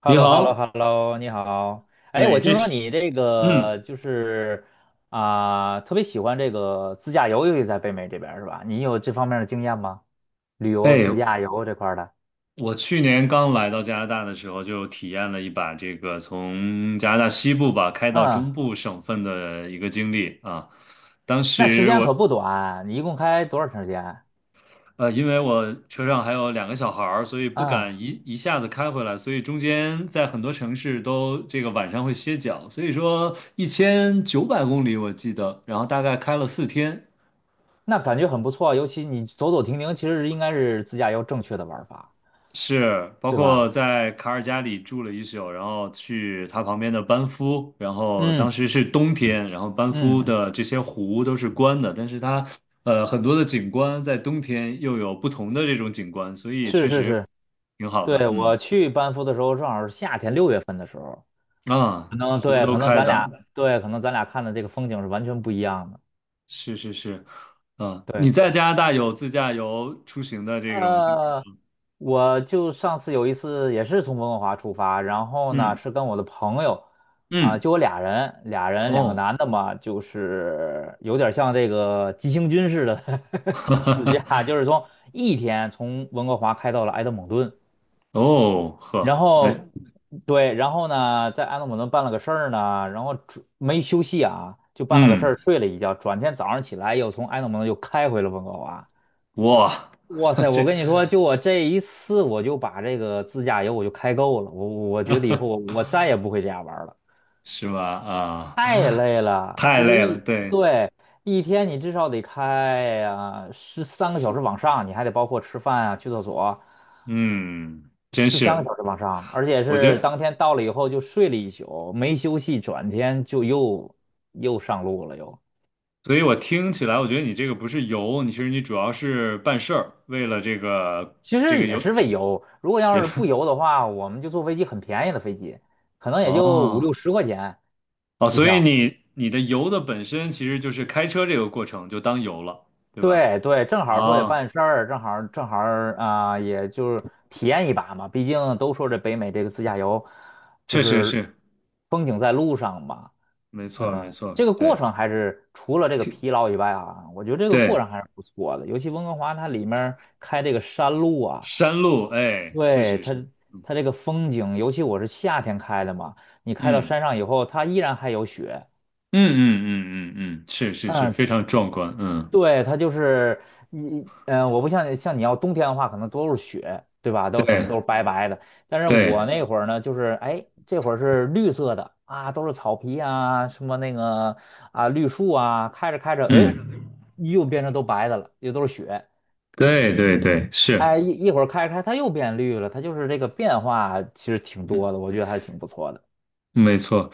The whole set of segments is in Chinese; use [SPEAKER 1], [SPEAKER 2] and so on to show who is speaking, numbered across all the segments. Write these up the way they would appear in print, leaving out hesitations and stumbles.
[SPEAKER 1] h e l
[SPEAKER 2] 你
[SPEAKER 1] l o h e l l o h
[SPEAKER 2] 好，
[SPEAKER 1] e l l o 你好。哎，我
[SPEAKER 2] 哎，这
[SPEAKER 1] 听说
[SPEAKER 2] 是，
[SPEAKER 1] 你这个
[SPEAKER 2] 嗯，
[SPEAKER 1] 就是啊、特别喜欢这个自驾游，尤其在北美这边儿是吧？你有这方面的经验吗？旅
[SPEAKER 2] 哎，
[SPEAKER 1] 游、自驾游这块儿的？
[SPEAKER 2] 我去年刚来到加拿大的时候，就体验了一把这个从加拿大西部吧开到
[SPEAKER 1] 嗯，
[SPEAKER 2] 中部省份的一个经历啊。当
[SPEAKER 1] 那时
[SPEAKER 2] 时
[SPEAKER 1] 间
[SPEAKER 2] 我，
[SPEAKER 1] 可不短，你一共开多长时间？
[SPEAKER 2] 因为我车上还有2个小孩儿，所以不敢
[SPEAKER 1] 啊、
[SPEAKER 2] 一下子开回来，所以中间在很多城市都这个晚上会歇脚，所以说1,900公里我记得，然后大概开了4天，
[SPEAKER 1] 那感觉很不错，尤其你走走停停，其实应该是自驾游正确的玩法，
[SPEAKER 2] 是，包
[SPEAKER 1] 对
[SPEAKER 2] 括
[SPEAKER 1] 吧？
[SPEAKER 2] 在卡尔加里住了一宿，然后去他旁边的班夫，然后当
[SPEAKER 1] 嗯
[SPEAKER 2] 时是冬天，然后班夫
[SPEAKER 1] 嗯，嗯
[SPEAKER 2] 的这些湖都是关的，但是它很多的景观在冬天又有不同的这种景观，所以
[SPEAKER 1] 是
[SPEAKER 2] 确
[SPEAKER 1] 是
[SPEAKER 2] 实
[SPEAKER 1] 是，
[SPEAKER 2] 挺好的，
[SPEAKER 1] 对，
[SPEAKER 2] 嗯。
[SPEAKER 1] 我去班夫的时候正好是夏天6月份的时候。
[SPEAKER 2] 啊，
[SPEAKER 1] 可能
[SPEAKER 2] 湖
[SPEAKER 1] 对，
[SPEAKER 2] 都开的，
[SPEAKER 1] 可能咱俩看的这个风景是完全不一样的。
[SPEAKER 2] 是是是。啊，你
[SPEAKER 1] 对，
[SPEAKER 2] 在加拿大有自驾游出行的这种经历
[SPEAKER 1] 呃，
[SPEAKER 2] 吗？
[SPEAKER 1] 我就上次有一次也是从温哥华出发，然后呢
[SPEAKER 2] 嗯
[SPEAKER 1] 是跟我的朋友啊、
[SPEAKER 2] 嗯，
[SPEAKER 1] 就我俩人两个
[SPEAKER 2] 哦，
[SPEAKER 1] 男的嘛，就是有点像这个急行军似的 自驾，就是从一天从温哥华开到了埃德蒙顿，
[SPEAKER 2] 哦
[SPEAKER 1] 然
[SPEAKER 2] 呵，哎，
[SPEAKER 1] 后对，然后呢，在安德鲁顿办了个事儿呢，然后转没休息啊，就办了个事
[SPEAKER 2] 嗯
[SPEAKER 1] 儿，睡了一觉，转天早上起来又从安德鲁顿又开回了温哥华。
[SPEAKER 2] 哇。
[SPEAKER 1] 哇塞，我
[SPEAKER 2] 这
[SPEAKER 1] 跟你说，就我这一次，我就把这个自驾游我就开够了，我觉得以后我再也不会这样玩儿了，
[SPEAKER 2] 是吧？啊，
[SPEAKER 1] 太累了，
[SPEAKER 2] 太
[SPEAKER 1] 就是
[SPEAKER 2] 累了，
[SPEAKER 1] 一
[SPEAKER 2] 对，
[SPEAKER 1] 对。一天你至少得开呀、十三个小
[SPEAKER 2] 是，
[SPEAKER 1] 时往上，你还得包括吃饭啊、去厕所，
[SPEAKER 2] 嗯，真
[SPEAKER 1] 是三个
[SPEAKER 2] 是，
[SPEAKER 1] 小时往上，而且
[SPEAKER 2] 我觉
[SPEAKER 1] 是
[SPEAKER 2] 得，
[SPEAKER 1] 当天到了以后就睡了一宿，没休息，转天就又又上路了又。
[SPEAKER 2] 所以我听起来，我觉得你这个不是游，你其实你主要是办事儿，为了这个
[SPEAKER 1] 其
[SPEAKER 2] 这
[SPEAKER 1] 实
[SPEAKER 2] 个
[SPEAKER 1] 也
[SPEAKER 2] 游
[SPEAKER 1] 是为游。如果要
[SPEAKER 2] 也。
[SPEAKER 1] 是不游的话，我们就坐飞机，很便宜的飞机，可能 也就五六
[SPEAKER 2] 哦
[SPEAKER 1] 十块钱
[SPEAKER 2] 哦，
[SPEAKER 1] 机
[SPEAKER 2] 所以
[SPEAKER 1] 票。
[SPEAKER 2] 你你的游的本身其实就是开车这个过程，就当游了，对吧？
[SPEAKER 1] 对对，正好说也
[SPEAKER 2] 哦，
[SPEAKER 1] 办事儿，正好正好啊、也就是体验一把嘛。毕竟都说这北美这个自驾游，就
[SPEAKER 2] 确实
[SPEAKER 1] 是
[SPEAKER 2] 是，
[SPEAKER 1] 风景在路上嘛。
[SPEAKER 2] 没错没
[SPEAKER 1] 嗯，
[SPEAKER 2] 错，
[SPEAKER 1] 这个过
[SPEAKER 2] 对，
[SPEAKER 1] 程还是除了这个
[SPEAKER 2] 挺
[SPEAKER 1] 疲劳以外啊，我觉得这个过
[SPEAKER 2] 对，
[SPEAKER 1] 程还是不错的。尤其温哥华它里面儿开这个山路啊，
[SPEAKER 2] 山路，哎，确
[SPEAKER 1] 对
[SPEAKER 2] 实
[SPEAKER 1] 它
[SPEAKER 2] 是，
[SPEAKER 1] 它这个风景，尤其我是夏天开的嘛，你开到
[SPEAKER 2] 嗯
[SPEAKER 1] 山上以后，它依然还有雪。
[SPEAKER 2] 嗯嗯嗯嗯嗯，是是是，非
[SPEAKER 1] 嗯。
[SPEAKER 2] 常壮观，嗯。
[SPEAKER 1] 对，它就是你，嗯，我不像你要冬天的话，可能都是雪，对吧？都可能都是
[SPEAKER 2] 对
[SPEAKER 1] 白白的。但是我
[SPEAKER 2] 对，
[SPEAKER 1] 那会儿呢，就是哎，这会儿是绿色的啊，都是草皮啊，什么那个啊绿树啊，开着开着，哎，
[SPEAKER 2] 嗯，
[SPEAKER 1] 又变成都白的了，又都是雪。
[SPEAKER 2] 对对对，是，
[SPEAKER 1] 哎，一会儿开着开，它又变绿了，它就是这个变化其实挺
[SPEAKER 2] 嗯，
[SPEAKER 1] 多的，我觉得还是挺不错的。
[SPEAKER 2] 没错。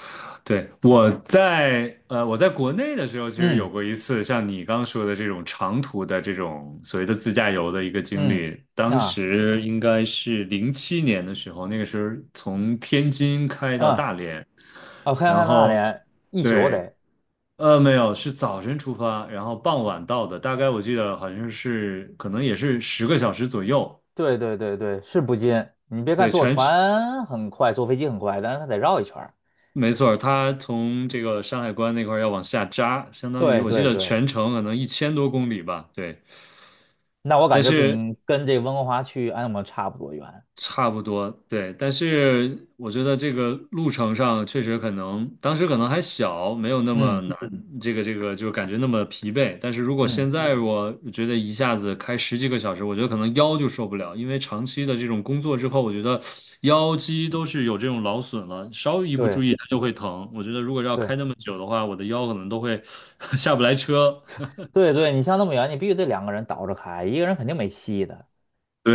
[SPEAKER 2] 对，我在我在国内的时候，其实有
[SPEAKER 1] 嗯
[SPEAKER 2] 过一次像你刚说的这种长途的这种所谓的自驾游的一个经
[SPEAKER 1] 嗯
[SPEAKER 2] 历。当
[SPEAKER 1] 啊
[SPEAKER 2] 时应该是07年的时候，那个时候从天津开到
[SPEAKER 1] 嗯，
[SPEAKER 2] 大连，
[SPEAKER 1] 哦，黑
[SPEAKER 2] 然
[SPEAKER 1] 暗大
[SPEAKER 2] 后
[SPEAKER 1] 连一宿
[SPEAKER 2] 对，
[SPEAKER 1] 得。
[SPEAKER 2] 没有，是早晨出发，然后傍晚到的，大概我记得好像是可能也是10个小时左右。
[SPEAKER 1] 对对对对，是不近。你别看
[SPEAKER 2] 对，
[SPEAKER 1] 坐
[SPEAKER 2] 全
[SPEAKER 1] 船很快，坐飞机很快，但是它得绕一圈儿。
[SPEAKER 2] 没错儿，它从这个山海关那块儿要往下扎，相当于
[SPEAKER 1] 对
[SPEAKER 2] 我记
[SPEAKER 1] 对
[SPEAKER 2] 得
[SPEAKER 1] 对，
[SPEAKER 2] 全程可能1,000多公里吧，对。
[SPEAKER 1] 那我
[SPEAKER 2] 但
[SPEAKER 1] 感觉
[SPEAKER 2] 是
[SPEAKER 1] 跟这温哥华去安姆差不多远。
[SPEAKER 2] 差不多，对，但是我觉得这个路程上确实可能，当时可能还小，没有那么
[SPEAKER 1] 嗯
[SPEAKER 2] 难，这个这个就感觉那么疲惫。但是如果
[SPEAKER 1] 嗯，
[SPEAKER 2] 现在我觉得一下子开十几个小时，我觉得可能腰就受不了，因为长期的这种工作之后，我觉得腰肌都是有这种劳损了，稍微一不注
[SPEAKER 1] 对
[SPEAKER 2] 意它就会疼。我觉得如果要
[SPEAKER 1] 对
[SPEAKER 2] 开那么久的话，我的腰可能都会 下不来车。
[SPEAKER 1] 对对，你像那么远，你必须得两个人倒着开，一个人肯定没戏的。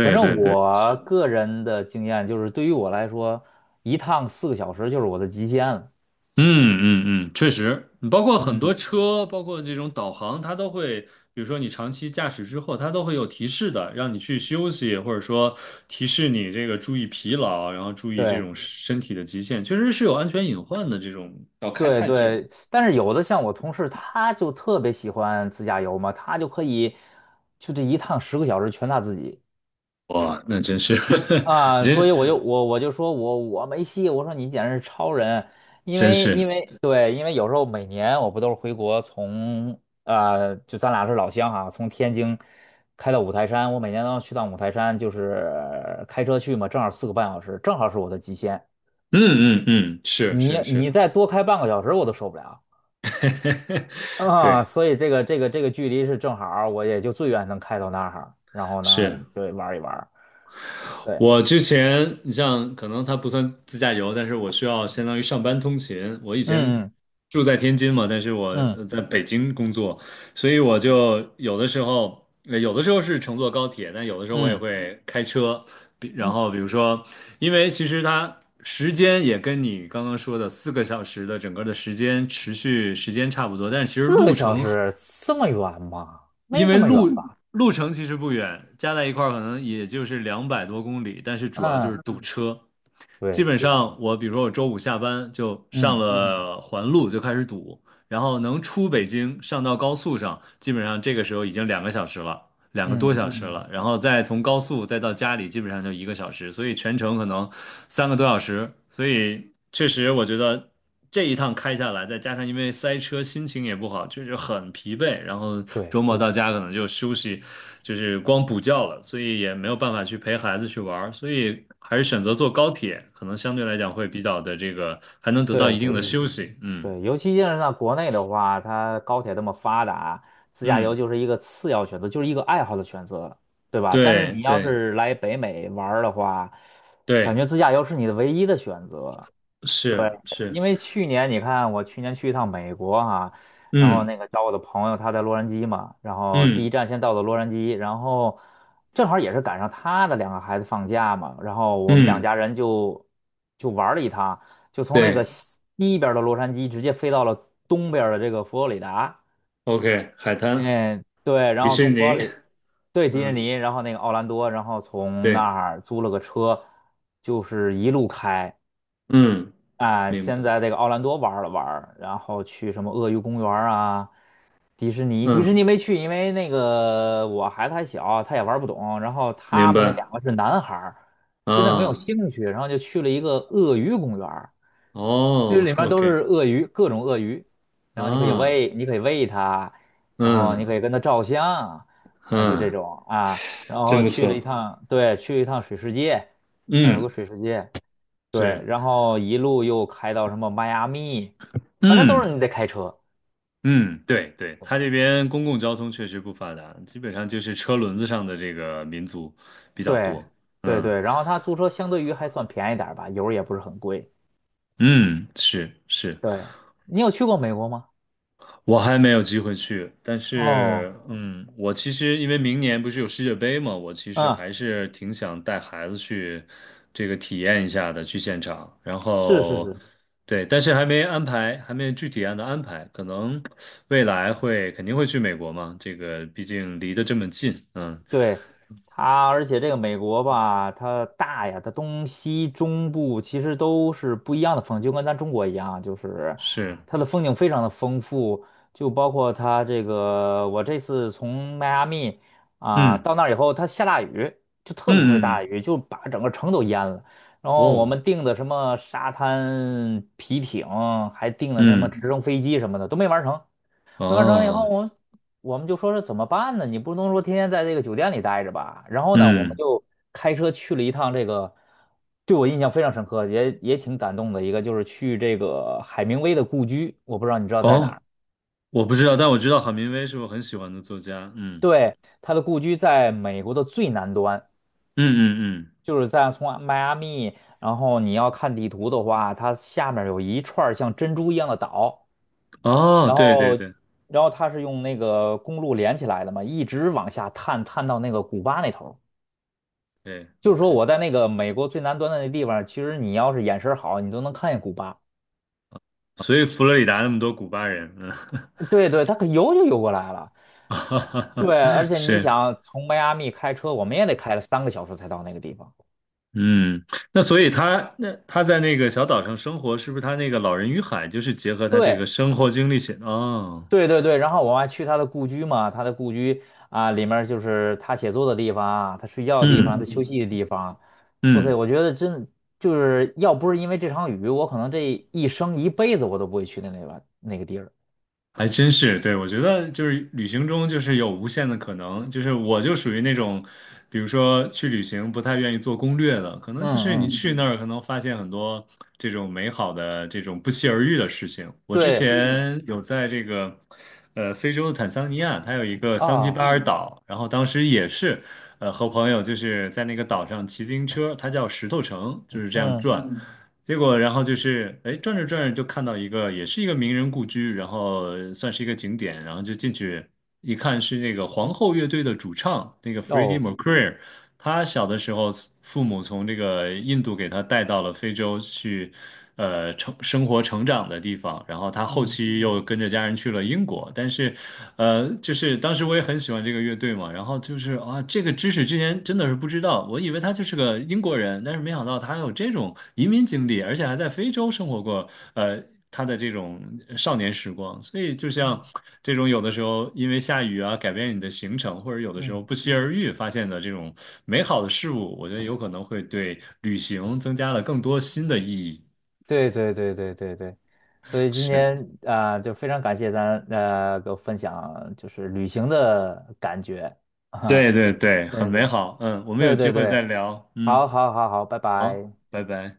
[SPEAKER 1] 反正
[SPEAKER 2] 对对，
[SPEAKER 1] 我
[SPEAKER 2] 是。
[SPEAKER 1] 个人的经验就是，对于我来说，一趟四个小时就是我的极限了。
[SPEAKER 2] 嗯嗯嗯，确实，包括很多
[SPEAKER 1] 嗯，
[SPEAKER 2] 车，包括这种导航，它都会，比如说你长期驾驶之后，它都会有提示的，让你去休息，或者说提示你这个注意疲劳，然后注意这
[SPEAKER 1] 对。
[SPEAKER 2] 种身体的极限，确实是有安全隐患的。这种要开
[SPEAKER 1] 对
[SPEAKER 2] 太久，
[SPEAKER 1] 对，但是有的像我同事，他就特别喜欢自驾游嘛，他就可以就这一趟10个小时全他自己
[SPEAKER 2] 哇，那真是。
[SPEAKER 1] 啊，
[SPEAKER 2] 真
[SPEAKER 1] 所以我就我就说我没戏，我说你简直是超人，因
[SPEAKER 2] 真
[SPEAKER 1] 为因
[SPEAKER 2] 是，
[SPEAKER 1] 为对，因为有时候每年我不都是回国从就咱俩是老乡哈、从天津开到五台山，我每年都要去趟五台山，就是开车去嘛，正好4个半小时，正好是我的极限，
[SPEAKER 2] 嗯嗯嗯，是
[SPEAKER 1] 你
[SPEAKER 2] 是是。
[SPEAKER 1] 你再多开半个小时我都受不了。啊，
[SPEAKER 2] 对，
[SPEAKER 1] 所以这个这个这个距离是正好儿我也就最远能开到那儿，然后呢，
[SPEAKER 2] 是。
[SPEAKER 1] 就玩一玩对，
[SPEAKER 2] 我之前，你像可能它不算自驾游，但是我需要相当于上班通勤。我以前
[SPEAKER 1] 嗯
[SPEAKER 2] 住在天津嘛，但是我
[SPEAKER 1] 嗯
[SPEAKER 2] 在北京工作，所以我
[SPEAKER 1] 嗯
[SPEAKER 2] 就有的时候，有的时候是乘坐高铁，但有的时候我也
[SPEAKER 1] 嗯
[SPEAKER 2] 会开车。然
[SPEAKER 1] 嗯，
[SPEAKER 2] 后比如说，因为其实它时间也跟你刚刚说的4个小时的整个的时间持续时间差不多，但是其实
[SPEAKER 1] 四个
[SPEAKER 2] 路
[SPEAKER 1] 小
[SPEAKER 2] 程
[SPEAKER 1] 时这么远吗？
[SPEAKER 2] 因
[SPEAKER 1] 没这
[SPEAKER 2] 为
[SPEAKER 1] 么远吧？
[SPEAKER 2] 路程其实不远，加在一块儿可能也就是200多公里，但是主要就是
[SPEAKER 1] 嗯，
[SPEAKER 2] 堵车。基
[SPEAKER 1] 对，
[SPEAKER 2] 本上我比如说我周五下班就上
[SPEAKER 1] 嗯
[SPEAKER 2] 了环路就开始堵，然后能出北京上到高速上，基本上这个时候已经2个小时了。两个多
[SPEAKER 1] 嗯，
[SPEAKER 2] 小时了，然后再从高速再到家里，基本上就1个小时，所以全程可能3个多小时，所以确实我觉得这一趟开下来，再加上因为塞车，心情也不好，就是很疲惫，然后周
[SPEAKER 1] 对
[SPEAKER 2] 末到家可能就休息，就是光补觉了，所以也没有办法去陪孩子去玩儿，所以还是选择坐高铁，可能相对来讲会比较的这个，还能得到
[SPEAKER 1] 对
[SPEAKER 2] 一定
[SPEAKER 1] 对
[SPEAKER 2] 的对
[SPEAKER 1] 对
[SPEAKER 2] 休息，嗯。
[SPEAKER 1] 对，尤其是在国内的话，它高铁这么发达，自驾游
[SPEAKER 2] 嗯，
[SPEAKER 1] 就是一个次要选择，就是一个爱好的选择，对吧？但是
[SPEAKER 2] 对
[SPEAKER 1] 你要
[SPEAKER 2] 对
[SPEAKER 1] 是来北美玩儿的话，感
[SPEAKER 2] 对，
[SPEAKER 1] 觉自驾游是你的唯一的选择。对，
[SPEAKER 2] 是
[SPEAKER 1] 因
[SPEAKER 2] 是，
[SPEAKER 1] 为去年你看，我去年去一趟美国哈、然后
[SPEAKER 2] 嗯
[SPEAKER 1] 那个找我的朋友，他在洛杉矶嘛，然后第一
[SPEAKER 2] 嗯
[SPEAKER 1] 站先到的洛杉矶，然后正好也是赶上他的两个孩子放假嘛，然后我们两
[SPEAKER 2] 嗯。
[SPEAKER 1] 家人就就玩了一趟，就从那个
[SPEAKER 2] 对
[SPEAKER 1] 西边的洛杉矶直接飞到了东边的这个佛罗里达，
[SPEAKER 2] ，OK，海滩，
[SPEAKER 1] 嗯，对，然
[SPEAKER 2] 迪
[SPEAKER 1] 后
[SPEAKER 2] 士
[SPEAKER 1] 从佛罗
[SPEAKER 2] 尼，
[SPEAKER 1] 里，对，迪士
[SPEAKER 2] 嗯，
[SPEAKER 1] 尼，然后那个奥兰多，然后从那
[SPEAKER 2] 对，
[SPEAKER 1] 儿租了个车，就是一路开。
[SPEAKER 2] 嗯，
[SPEAKER 1] 啊，
[SPEAKER 2] 明白，
[SPEAKER 1] 先在这个奥兰多玩了玩然后去什么鳄鱼公园啊，迪士尼，迪士
[SPEAKER 2] 嗯，
[SPEAKER 1] 尼没去，因为那个我孩子还小，他也玩不懂。然后
[SPEAKER 2] 明
[SPEAKER 1] 他们那
[SPEAKER 2] 白，
[SPEAKER 1] 两个是男孩儿，对那没有
[SPEAKER 2] 啊，
[SPEAKER 1] 兴趣，然后就去了一个鳄鱼公园儿这
[SPEAKER 2] 哦
[SPEAKER 1] 里面都是
[SPEAKER 2] ，OK，
[SPEAKER 1] 鳄鱼，各种鳄鱼，然后你可以
[SPEAKER 2] 啊，
[SPEAKER 1] 喂，你可以喂它，然后
[SPEAKER 2] 嗯
[SPEAKER 1] 你可以跟它照相，啊，就这
[SPEAKER 2] 嗯，
[SPEAKER 1] 种啊。然
[SPEAKER 2] 真
[SPEAKER 1] 后
[SPEAKER 2] 不
[SPEAKER 1] 去了一
[SPEAKER 2] 错，
[SPEAKER 1] 趟，对，去了一趟水世界，那有个
[SPEAKER 2] 嗯，
[SPEAKER 1] 水世界。对，
[SPEAKER 2] 是，
[SPEAKER 1] 然后一路又开到什么迈阿密，反正都是
[SPEAKER 2] 嗯
[SPEAKER 1] 你得开车。
[SPEAKER 2] 嗯，对对，他这边公共交通确实不发达，基本上就是车轮子上的这个民族比较
[SPEAKER 1] 对，
[SPEAKER 2] 多，
[SPEAKER 1] 对
[SPEAKER 2] 嗯
[SPEAKER 1] 对，然后他租车相对于还算便宜点儿吧，油儿也不是很贵。
[SPEAKER 2] 嗯，是是。
[SPEAKER 1] 对，你有去过美国吗？
[SPEAKER 2] 我还没有机会去，但是，
[SPEAKER 1] 哦，
[SPEAKER 2] 嗯，我其实因为明年不是有世界杯嘛，我其实
[SPEAKER 1] 嗯，
[SPEAKER 2] 还是挺想带孩子去这个体验一下的，去现场。然
[SPEAKER 1] 是是
[SPEAKER 2] 后，
[SPEAKER 1] 是，
[SPEAKER 2] 对，但是还没安排，还没具体按的安排，可能未来会肯定会去美国嘛，这个毕竟离得这么近，嗯，
[SPEAKER 1] 对它，而且这个美国吧，它大呀，它东西中部其实都是不一样的风景，就跟咱中国一样，就是
[SPEAKER 2] 是，
[SPEAKER 1] 它的风景非常的丰富，就包括它这个，我这次从迈阿密啊、
[SPEAKER 2] 嗯
[SPEAKER 1] 到那儿以后，它下大雨，就特
[SPEAKER 2] 嗯
[SPEAKER 1] 别特别大
[SPEAKER 2] 嗯，
[SPEAKER 1] 的雨，就把整个城都淹了。然后我们
[SPEAKER 2] 哦，
[SPEAKER 1] 订的什么沙滩皮艇，还订的什么
[SPEAKER 2] 嗯
[SPEAKER 1] 直升飞机什么的都没玩成。没完成了以后，
[SPEAKER 2] 哦，
[SPEAKER 1] 我我们就说是怎么办呢？你不能说天天在这个酒店里待着吧？然后呢，我们
[SPEAKER 2] 嗯
[SPEAKER 1] 就开车去了一趟这个，对我印象非常深刻，也挺感动的一个，就是去这个海明威的故居。我不知道你知道在哪
[SPEAKER 2] 哦，
[SPEAKER 1] 儿？
[SPEAKER 2] 我不知道，但我知道郝明威是我很喜欢的作家，嗯。
[SPEAKER 1] 对，他的故居在美国的最南端，
[SPEAKER 2] 嗯嗯嗯，
[SPEAKER 1] 就是在从迈阿密，然后你要看地图的话，它下面有一串儿像珍珠一样的岛，
[SPEAKER 2] 哦，
[SPEAKER 1] 然
[SPEAKER 2] 对对
[SPEAKER 1] 后。
[SPEAKER 2] 对
[SPEAKER 1] 然后它是用那个公路连起来的嘛，一直往下探，探到那个古巴那头儿。
[SPEAKER 2] 对
[SPEAKER 1] 就是说
[SPEAKER 2] ，OK，
[SPEAKER 1] 我在那个美国最南端的那地方，其实你要是眼神好，你都能看见古巴。
[SPEAKER 2] 所以佛罗里达那么多古巴人，嗯。
[SPEAKER 1] 对对，它可游就游过来了。
[SPEAKER 2] 哈哈
[SPEAKER 1] 对，
[SPEAKER 2] 哈，
[SPEAKER 1] 而且你
[SPEAKER 2] 是，
[SPEAKER 1] 想从迈阿密开车，我们也得开了三个小时才到那个地方。
[SPEAKER 2] 嗯，那所以他那他在那个小岛上生活，是不是他那个《老人与海》就是结合他这
[SPEAKER 1] 对
[SPEAKER 2] 个生活经历写的？哦，
[SPEAKER 1] 对对对，然后我还去他的故居嘛，他的故居啊，里面儿就是他写作的地方啊，他睡觉的地方，他休
[SPEAKER 2] 嗯
[SPEAKER 1] 息的地方。哇塞，
[SPEAKER 2] 嗯。
[SPEAKER 1] 我觉得真就是要不是因为这场雨，我可能这一生一辈子我都不会去的那个地儿。
[SPEAKER 2] 还真是，对，我觉得就是旅行中就是有无限的可能，就是我就属于那种，比如说去旅行不太愿意做攻略的，可能就
[SPEAKER 1] 嗯
[SPEAKER 2] 是你
[SPEAKER 1] 嗯，
[SPEAKER 2] 去那儿可能发现很多这种美好的这种不期而遇的事情。我之嗯
[SPEAKER 1] 对
[SPEAKER 2] 前有在这个非洲的坦桑尼亚，它有一个桑吉巴
[SPEAKER 1] 啊，
[SPEAKER 2] 尔嗯岛，然后当时也是和朋友就是在那个岛上骑自行车，它叫石头城，就是这样
[SPEAKER 1] 嗯
[SPEAKER 2] 转。结果，然后就是，哎，转着转着就看到一个，也是一个名人故居，然后算是一个景点，然后就进去一看，是那个皇后乐队的主唱，那个 Freddie
[SPEAKER 1] 哦。
[SPEAKER 2] Mercury，他小的时候，父母从这个印度给他带到了非洲去，生活成长的地方。然后他后
[SPEAKER 1] 嗯
[SPEAKER 2] 期又跟着家人去了英国。但是，就是当时我也很喜欢这个乐队嘛。然后就是啊，这个知识之前真的是不知道，我以为他就是个英国人，但是没想到他还有这种移民经历，而且还在非洲生活过，呃。他的这种少年时光。所以，就像
[SPEAKER 1] 嗯
[SPEAKER 2] 这种有的时候因为下雨啊，改变你的行程，或者有的时
[SPEAKER 1] 嗯，
[SPEAKER 2] 候不期而遇发现的这种美好的事物，我觉得有可能会对旅行增加了更多新的意义。
[SPEAKER 1] 对对对对对对，所以今
[SPEAKER 2] 是，
[SPEAKER 1] 天啊、就非常感谢咱呃给我分享就是旅行的感觉哈，
[SPEAKER 2] 对对对，很
[SPEAKER 1] 对
[SPEAKER 2] 美
[SPEAKER 1] 对
[SPEAKER 2] 好。嗯，我们有
[SPEAKER 1] 对
[SPEAKER 2] 机
[SPEAKER 1] 对
[SPEAKER 2] 会再
[SPEAKER 1] 对，
[SPEAKER 2] 聊。嗯，
[SPEAKER 1] 好好好好，拜
[SPEAKER 2] 好，
[SPEAKER 1] 拜。
[SPEAKER 2] 拜拜。